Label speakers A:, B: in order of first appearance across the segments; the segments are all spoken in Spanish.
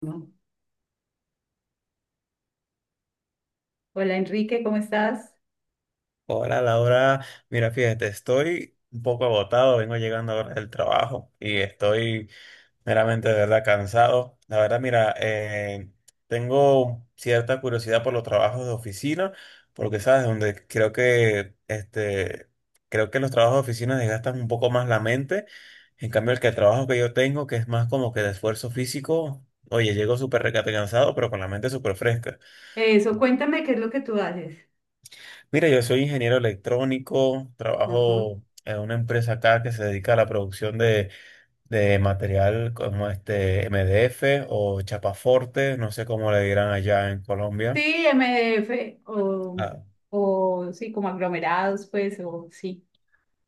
A: No. Hola Enrique, ¿cómo estás?
B: Hola Laura, mira, fíjate, estoy un poco agotado, vengo llegando ahora del trabajo y estoy meramente de verdad cansado. La verdad, mira, tengo cierta curiosidad por los trabajos de oficina, porque sabes, donde creo que este, creo que los trabajos de oficina desgastan un poco más la mente. En cambio, el trabajo que yo tengo, que es más como que de esfuerzo físico, oye, llego súper recate cansado, pero con la mente súper fresca.
A: Eso, cuéntame qué es lo que tú haces.
B: Mira, yo soy ingeniero electrónico,
A: Ajá.
B: trabajo en una empresa acá que se dedica a la producción de material como este MDF o chapaforte, no sé cómo le dirán allá en Colombia.
A: Sí, MDF
B: Ah,
A: o sí, como aglomerados, pues, o sí.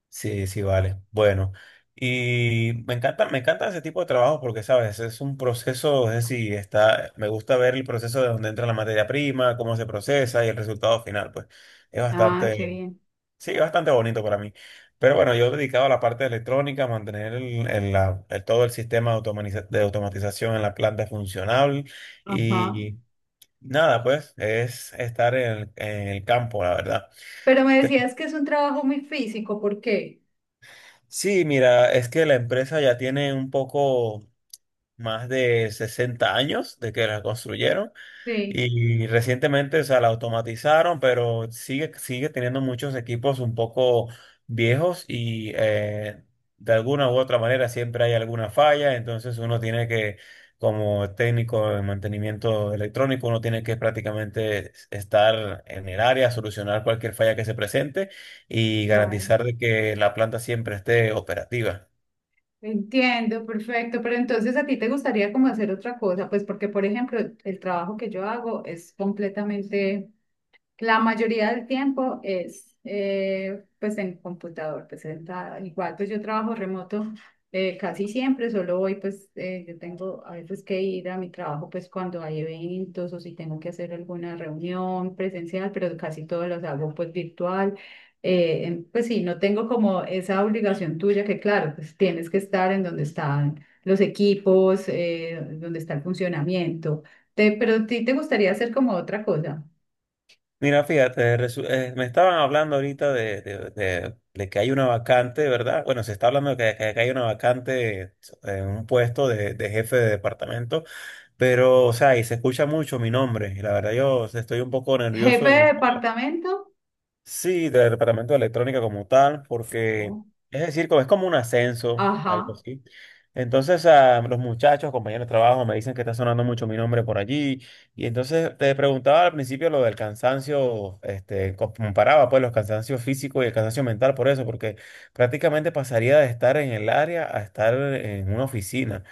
B: sí, sí, vale. Bueno, y me encanta ese tipo de trabajo porque, sabes, es un proceso, es decir, me gusta ver el proceso de donde entra la materia prima, cómo se procesa y el resultado final, pues es
A: Ah, qué
B: bastante,
A: bien.
B: sí, bastante bonito para mí. Pero bueno, yo dedicado a la parte de electrónica, mantener todo el sistema de, automatización en la planta funcional
A: Ajá.
B: y nada, pues es estar en el campo, la verdad.
A: Pero me
B: Te-
A: decías que es un trabajo muy físico, ¿por qué?
B: Sí, mira, es que la empresa ya tiene un poco más de 60 años de que la construyeron.
A: Sí,
B: Y recientemente, o sea, la automatizaron, pero sigue teniendo muchos equipos un poco viejos y de alguna u otra manera siempre hay alguna falla. Entonces uno tiene que, como técnico de mantenimiento electrónico, uno tiene que prácticamente estar en el área, solucionar cualquier falla que se presente y
A: claro.
B: garantizar de que la planta siempre esté operativa.
A: Entiendo, perfecto. Pero entonces a ti te gustaría como hacer otra cosa, pues porque, por ejemplo, el trabajo que yo hago es completamente. La mayoría del tiempo es pues en computador, pues sentada. Igual pues yo trabajo remoto casi siempre, solo hoy pues yo tengo a veces que ir a mi trabajo pues cuando hay eventos o si tengo que hacer alguna reunión presencial, pero casi todos los hago pues virtual. En- pues sí, no tengo como esa obligación tuya que claro, pues tienes que estar en donde están los equipos, donde está el funcionamiento. Te- pero a ti te gustaría hacer como otra cosa.
B: Mira, fíjate, me estaban hablando ahorita de que hay una vacante, ¿verdad? Bueno, se está hablando de que hay una vacante en un puesto de jefe de departamento, pero, o sea, y se escucha mucho mi nombre, y la verdad yo estoy un poco nervioso.
A: Jefe de departamento.
B: Sí, del departamento de electrónica como tal, porque
A: ¿No?
B: es decir, es como un ascenso, algo
A: Ajá,
B: así. Entonces, ah, los muchachos, compañeros de trabajo, me dicen que está sonando mucho mi nombre por allí. Y entonces te preguntaba al principio lo del cansancio, este, comparaba pues los cansancios físicos y el cansancio mental por eso, porque prácticamente pasaría de estar en el área a estar en una oficina.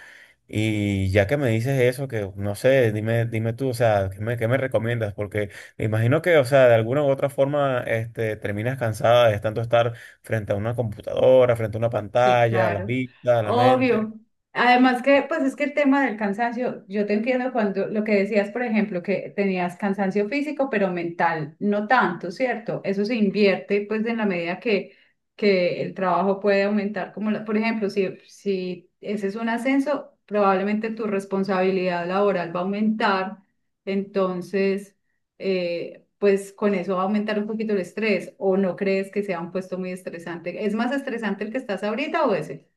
B: Y ya que me dices eso, que no sé, dime, dime tú, o sea, qué me recomiendas? Porque me imagino que, o sea, de alguna u otra forma, este, terminas cansada de tanto estar frente a una computadora, frente a una
A: sí,
B: pantalla, la
A: claro,
B: vista, la mente.
A: obvio. Además que, pues es que el tema del cansancio, yo te entiendo cuando lo que decías, por ejemplo, que tenías cansancio físico, pero mental, no tanto, ¿cierto? Eso se invierte, pues, en la medida que el trabajo puede aumentar, como, la- por ejemplo, si, si ese es un ascenso, probablemente tu responsabilidad laboral va a aumentar, entonces... pues con eso va a aumentar un poquito el estrés o no crees que sea un puesto muy estresante. ¿Es más estresante el que estás ahorita o ese?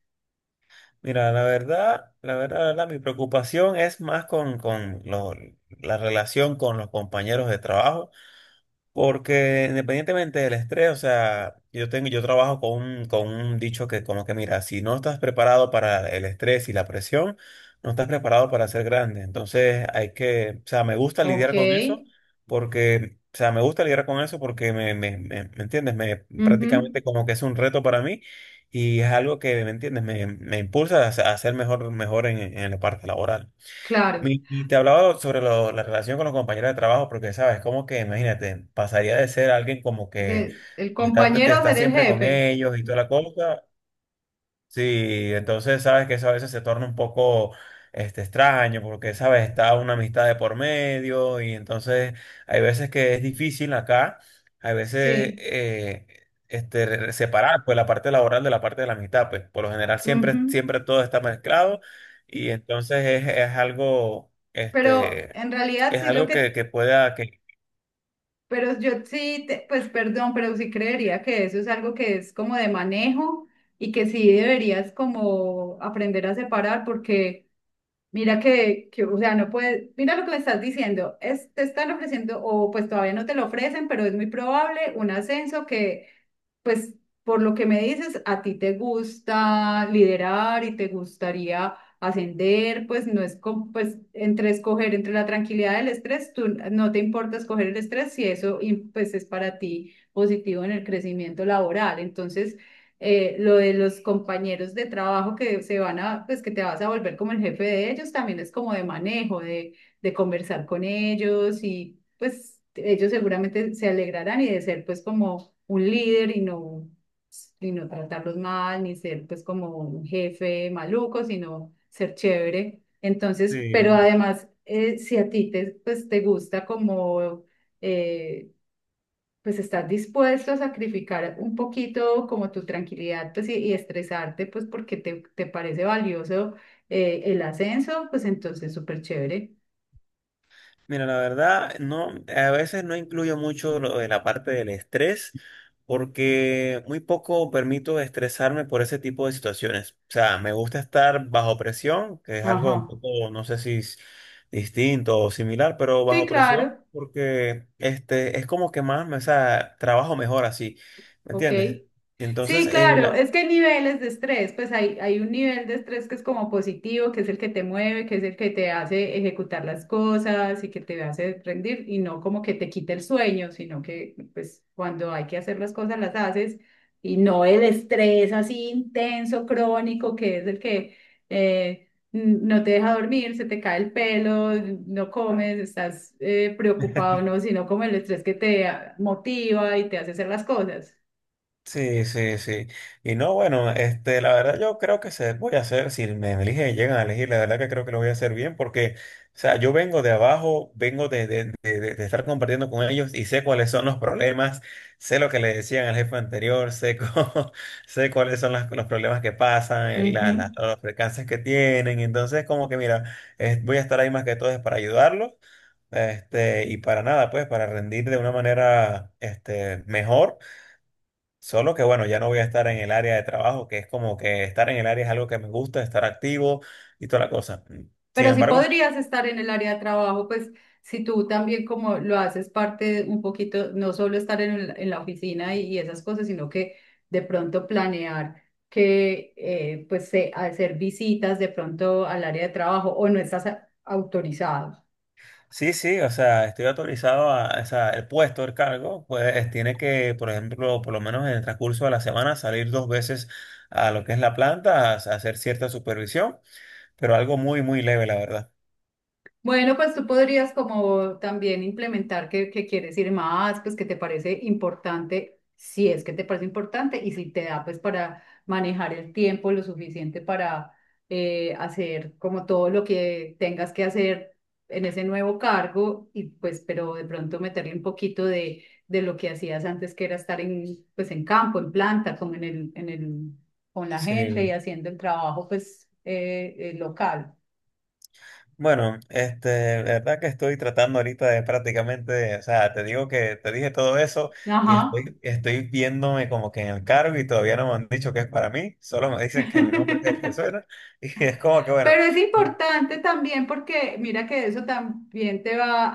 B: Mira, la verdad, mi preocupación es más con la relación con los compañeros de trabajo. Porque independientemente del estrés, o sea, yo tengo, yo trabajo con un dicho que como que mira, si no estás preparado para el estrés y la presión, no estás preparado para ser grande. Entonces hay que, o sea, me gusta
A: Ok,
B: lidiar con eso porque, o sea, me gusta lidiar con eso porque ¿me entiendes? Me
A: ujú.
B: prácticamente como que es un reto para mí y es algo que, ¿me entiendes? Me impulsa a ser mejor, mejor en la parte laboral.
A: Claro.
B: Y te hablaba sobre la relación con los compañeros de trabajo, porque sabes, como que imagínate, pasaría de ser alguien como que
A: De, el
B: te
A: compañero a
B: está
A: ser el
B: siempre con
A: jefe.
B: ellos y toda la cosa. Sí, entonces sabes que eso a veces se torna un poco este, extraño porque, sabes, está una amistad de por medio y entonces hay veces que es difícil acá, hay veces
A: Sí.
B: este, separar pues la parte laboral de la parte de la amistad, pues por lo general
A: Ujú.
B: siempre todo está mezclado y entonces es algo,
A: Pero
B: este,
A: en realidad
B: es
A: sí lo
B: algo
A: que, pero yo sí, te- pues perdón, pero sí creería que eso es algo que es como de manejo y que sí deberías como aprender a separar porque... Mira que, o sea, no puedes, mira lo que me estás diciendo, es, te están ofreciendo, o pues todavía no te lo ofrecen, pero es muy probable un ascenso que pues por lo que me dices, a ti te gusta liderar y te gustaría ascender, pues no es como, pues entre escoger entre la tranquilidad del estrés, tú no te importa escoger el estrés si eso y, pues es para ti positivo en el crecimiento laboral. Entonces, lo de los compañeros de trabajo que se van a, pues que te vas a volver como el jefe de ellos, también es como de manejo, de conversar con ellos y pues ellos seguramente se alegrarán y de ser pues como un líder y no tratarlos mal, ni ser pues como un jefe maluco, sino ser chévere. Entonces, pero
B: sí.
A: además, si a ti te, pues, te gusta como, eh, pues estás dispuesto a sacrificar un poquito como tu tranquilidad, pues y estresarte, pues porque te parece valioso el ascenso, pues entonces súper chévere.
B: Mira, la verdad, no, a veces no incluyo mucho lo de la parte del estrés, porque muy poco permito estresarme por ese tipo de situaciones. O sea, me gusta estar bajo presión, que es algo un
A: Ajá.
B: poco, no sé si es distinto o similar, pero
A: Sí,
B: bajo presión,
A: claro.
B: porque este es como que más, o sea, trabajo mejor así, ¿me
A: Ok.
B: entiendes? Entonces,
A: Sí, claro, es que hay niveles de estrés, pues hay un nivel de estrés que es como positivo, que es el que te mueve, que es el que te hace ejecutar las cosas y que te hace rendir y no como que te quite el sueño, sino que pues cuando hay que hacer las cosas las haces y no el estrés así intenso, crónico, que es el que n- no te deja dormir, se te cae el pelo, no comes, estás preocupado, no, sino como el estrés que te ah, motiva y te hace hacer las cosas.
B: sí, sí, sí. Y no, bueno, este, la verdad yo creo que se voy a hacer, si me eligen, llegan a elegir, la verdad que creo que lo voy a hacer bien porque, o sea, yo vengo de abajo, vengo de estar compartiendo con ellos y sé cuáles son los problemas, sé lo que le decían al jefe anterior, sé, sé cuáles son los problemas que pasan, los percances que tienen, entonces como que mira, voy a estar ahí más que todo es para ayudarlos. Este, y para nada, pues, para rendir de una manera, este, mejor. Solo que bueno, ya no voy a estar en el área de trabajo, que es como que estar en el área es algo que me gusta, estar activo y toda la cosa. Sin
A: Pero sí
B: embargo,
A: podrías estar en el área de trabajo, pues si tú también como lo haces parte un poquito, no solo estar en, el- en la oficina y esas cosas, sino que de pronto planear que pues se- hacer visitas de pronto al área de trabajo o no estás a- autorizado.
B: sí, sí, o sea, estoy autorizado a, o sea, el puesto, el cargo, pues tiene que, por ejemplo, por lo menos en el transcurso de la semana, salir dos veces a lo que es la planta, a hacer cierta supervisión, pero algo muy leve, la verdad.
A: Bueno, pues tú podrías como también implementar que quieres ir más, pues que te parece importante, si es que te parece importante y si te da pues para manejar el tiempo lo suficiente para hacer como todo lo que tengas que hacer en ese nuevo cargo y pues pero de pronto meterle un poquito de lo que hacías antes que era estar en pues en campo, en planta, como en el, con la gente y
B: Sí.
A: haciendo el trabajo pues local.
B: Bueno, este, la verdad que estoy tratando ahorita de prácticamente, o sea, te digo que te dije todo eso y
A: Ajá.
B: estoy viéndome como que en el cargo y todavía no me han dicho que es para mí, solo me dicen que mi nombre es el que suena y es como que bueno,
A: Pero es importante también porque mira que eso también te va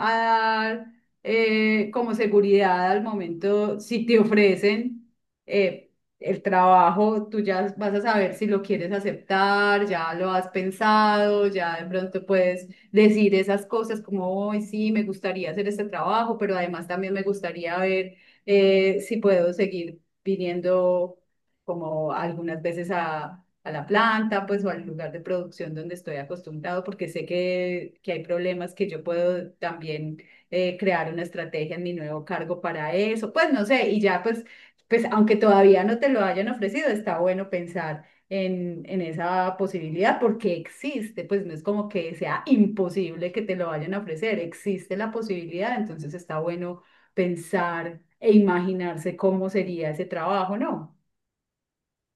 A: a dar como seguridad al momento, si te ofrecen eh, el trabajo, tú ya vas a saber si lo quieres aceptar, ya lo has pensado, ya de pronto puedes decir esas cosas como, hoy sí, me gustaría hacer este trabajo, pero además también me gustaría ver si puedo seguir viniendo como algunas veces a la planta, pues, o al lugar de producción donde estoy acostumbrado, porque sé que hay problemas que yo puedo también crear una estrategia en mi nuevo cargo para eso, pues, no sé, y ya, pues, pues, aunque todavía no te lo hayan ofrecido, está bueno pensar en esa posibilidad porque existe, pues no es como que sea imposible que te lo vayan a ofrecer, existe la posibilidad, entonces está bueno pensar e imaginarse cómo sería ese trabajo, ¿no?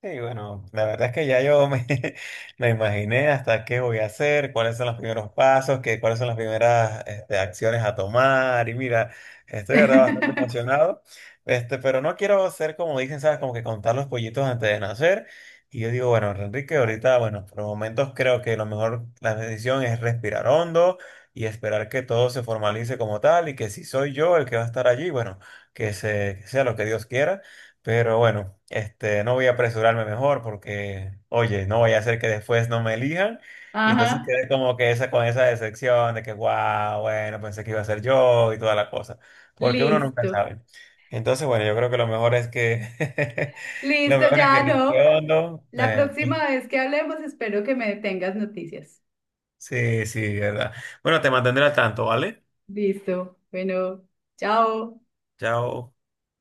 B: sí, bueno, la verdad es que ya me imaginé hasta qué voy a hacer, cuáles son los primeros pasos, cuáles son las primeras este, acciones a tomar. Y mira, estoy de verdad bastante emocionado, este, pero no quiero ser como dicen, ¿sabes? Como que contar los pollitos antes de nacer. Y yo digo, bueno, Enrique, ahorita, bueno, por momentos creo que lo mejor, la decisión es respirar hondo y esperar que todo se formalice como tal y que si soy yo el que va a estar allí, bueno, que sea lo que Dios quiera. Pero bueno, este, no voy a apresurarme mejor porque, oye, no voy a hacer que después no me elijan. Y entonces
A: Ajá,
B: quedé como que esa, con esa decepción de que, wow, bueno, pensé que iba a ser yo y toda la cosa. Porque uno nunca
A: listo.
B: sabe. Entonces, bueno, yo creo que lo mejor es que, lo
A: Listo,
B: mejor es que
A: ya no.
B: respondo.
A: La próxima vez que hablemos, espero que me tengas noticias.
B: Sí, sí, verdad. Bueno, te mantendré al tanto, ¿vale?
A: Listo. Bueno, chao.
B: Chao.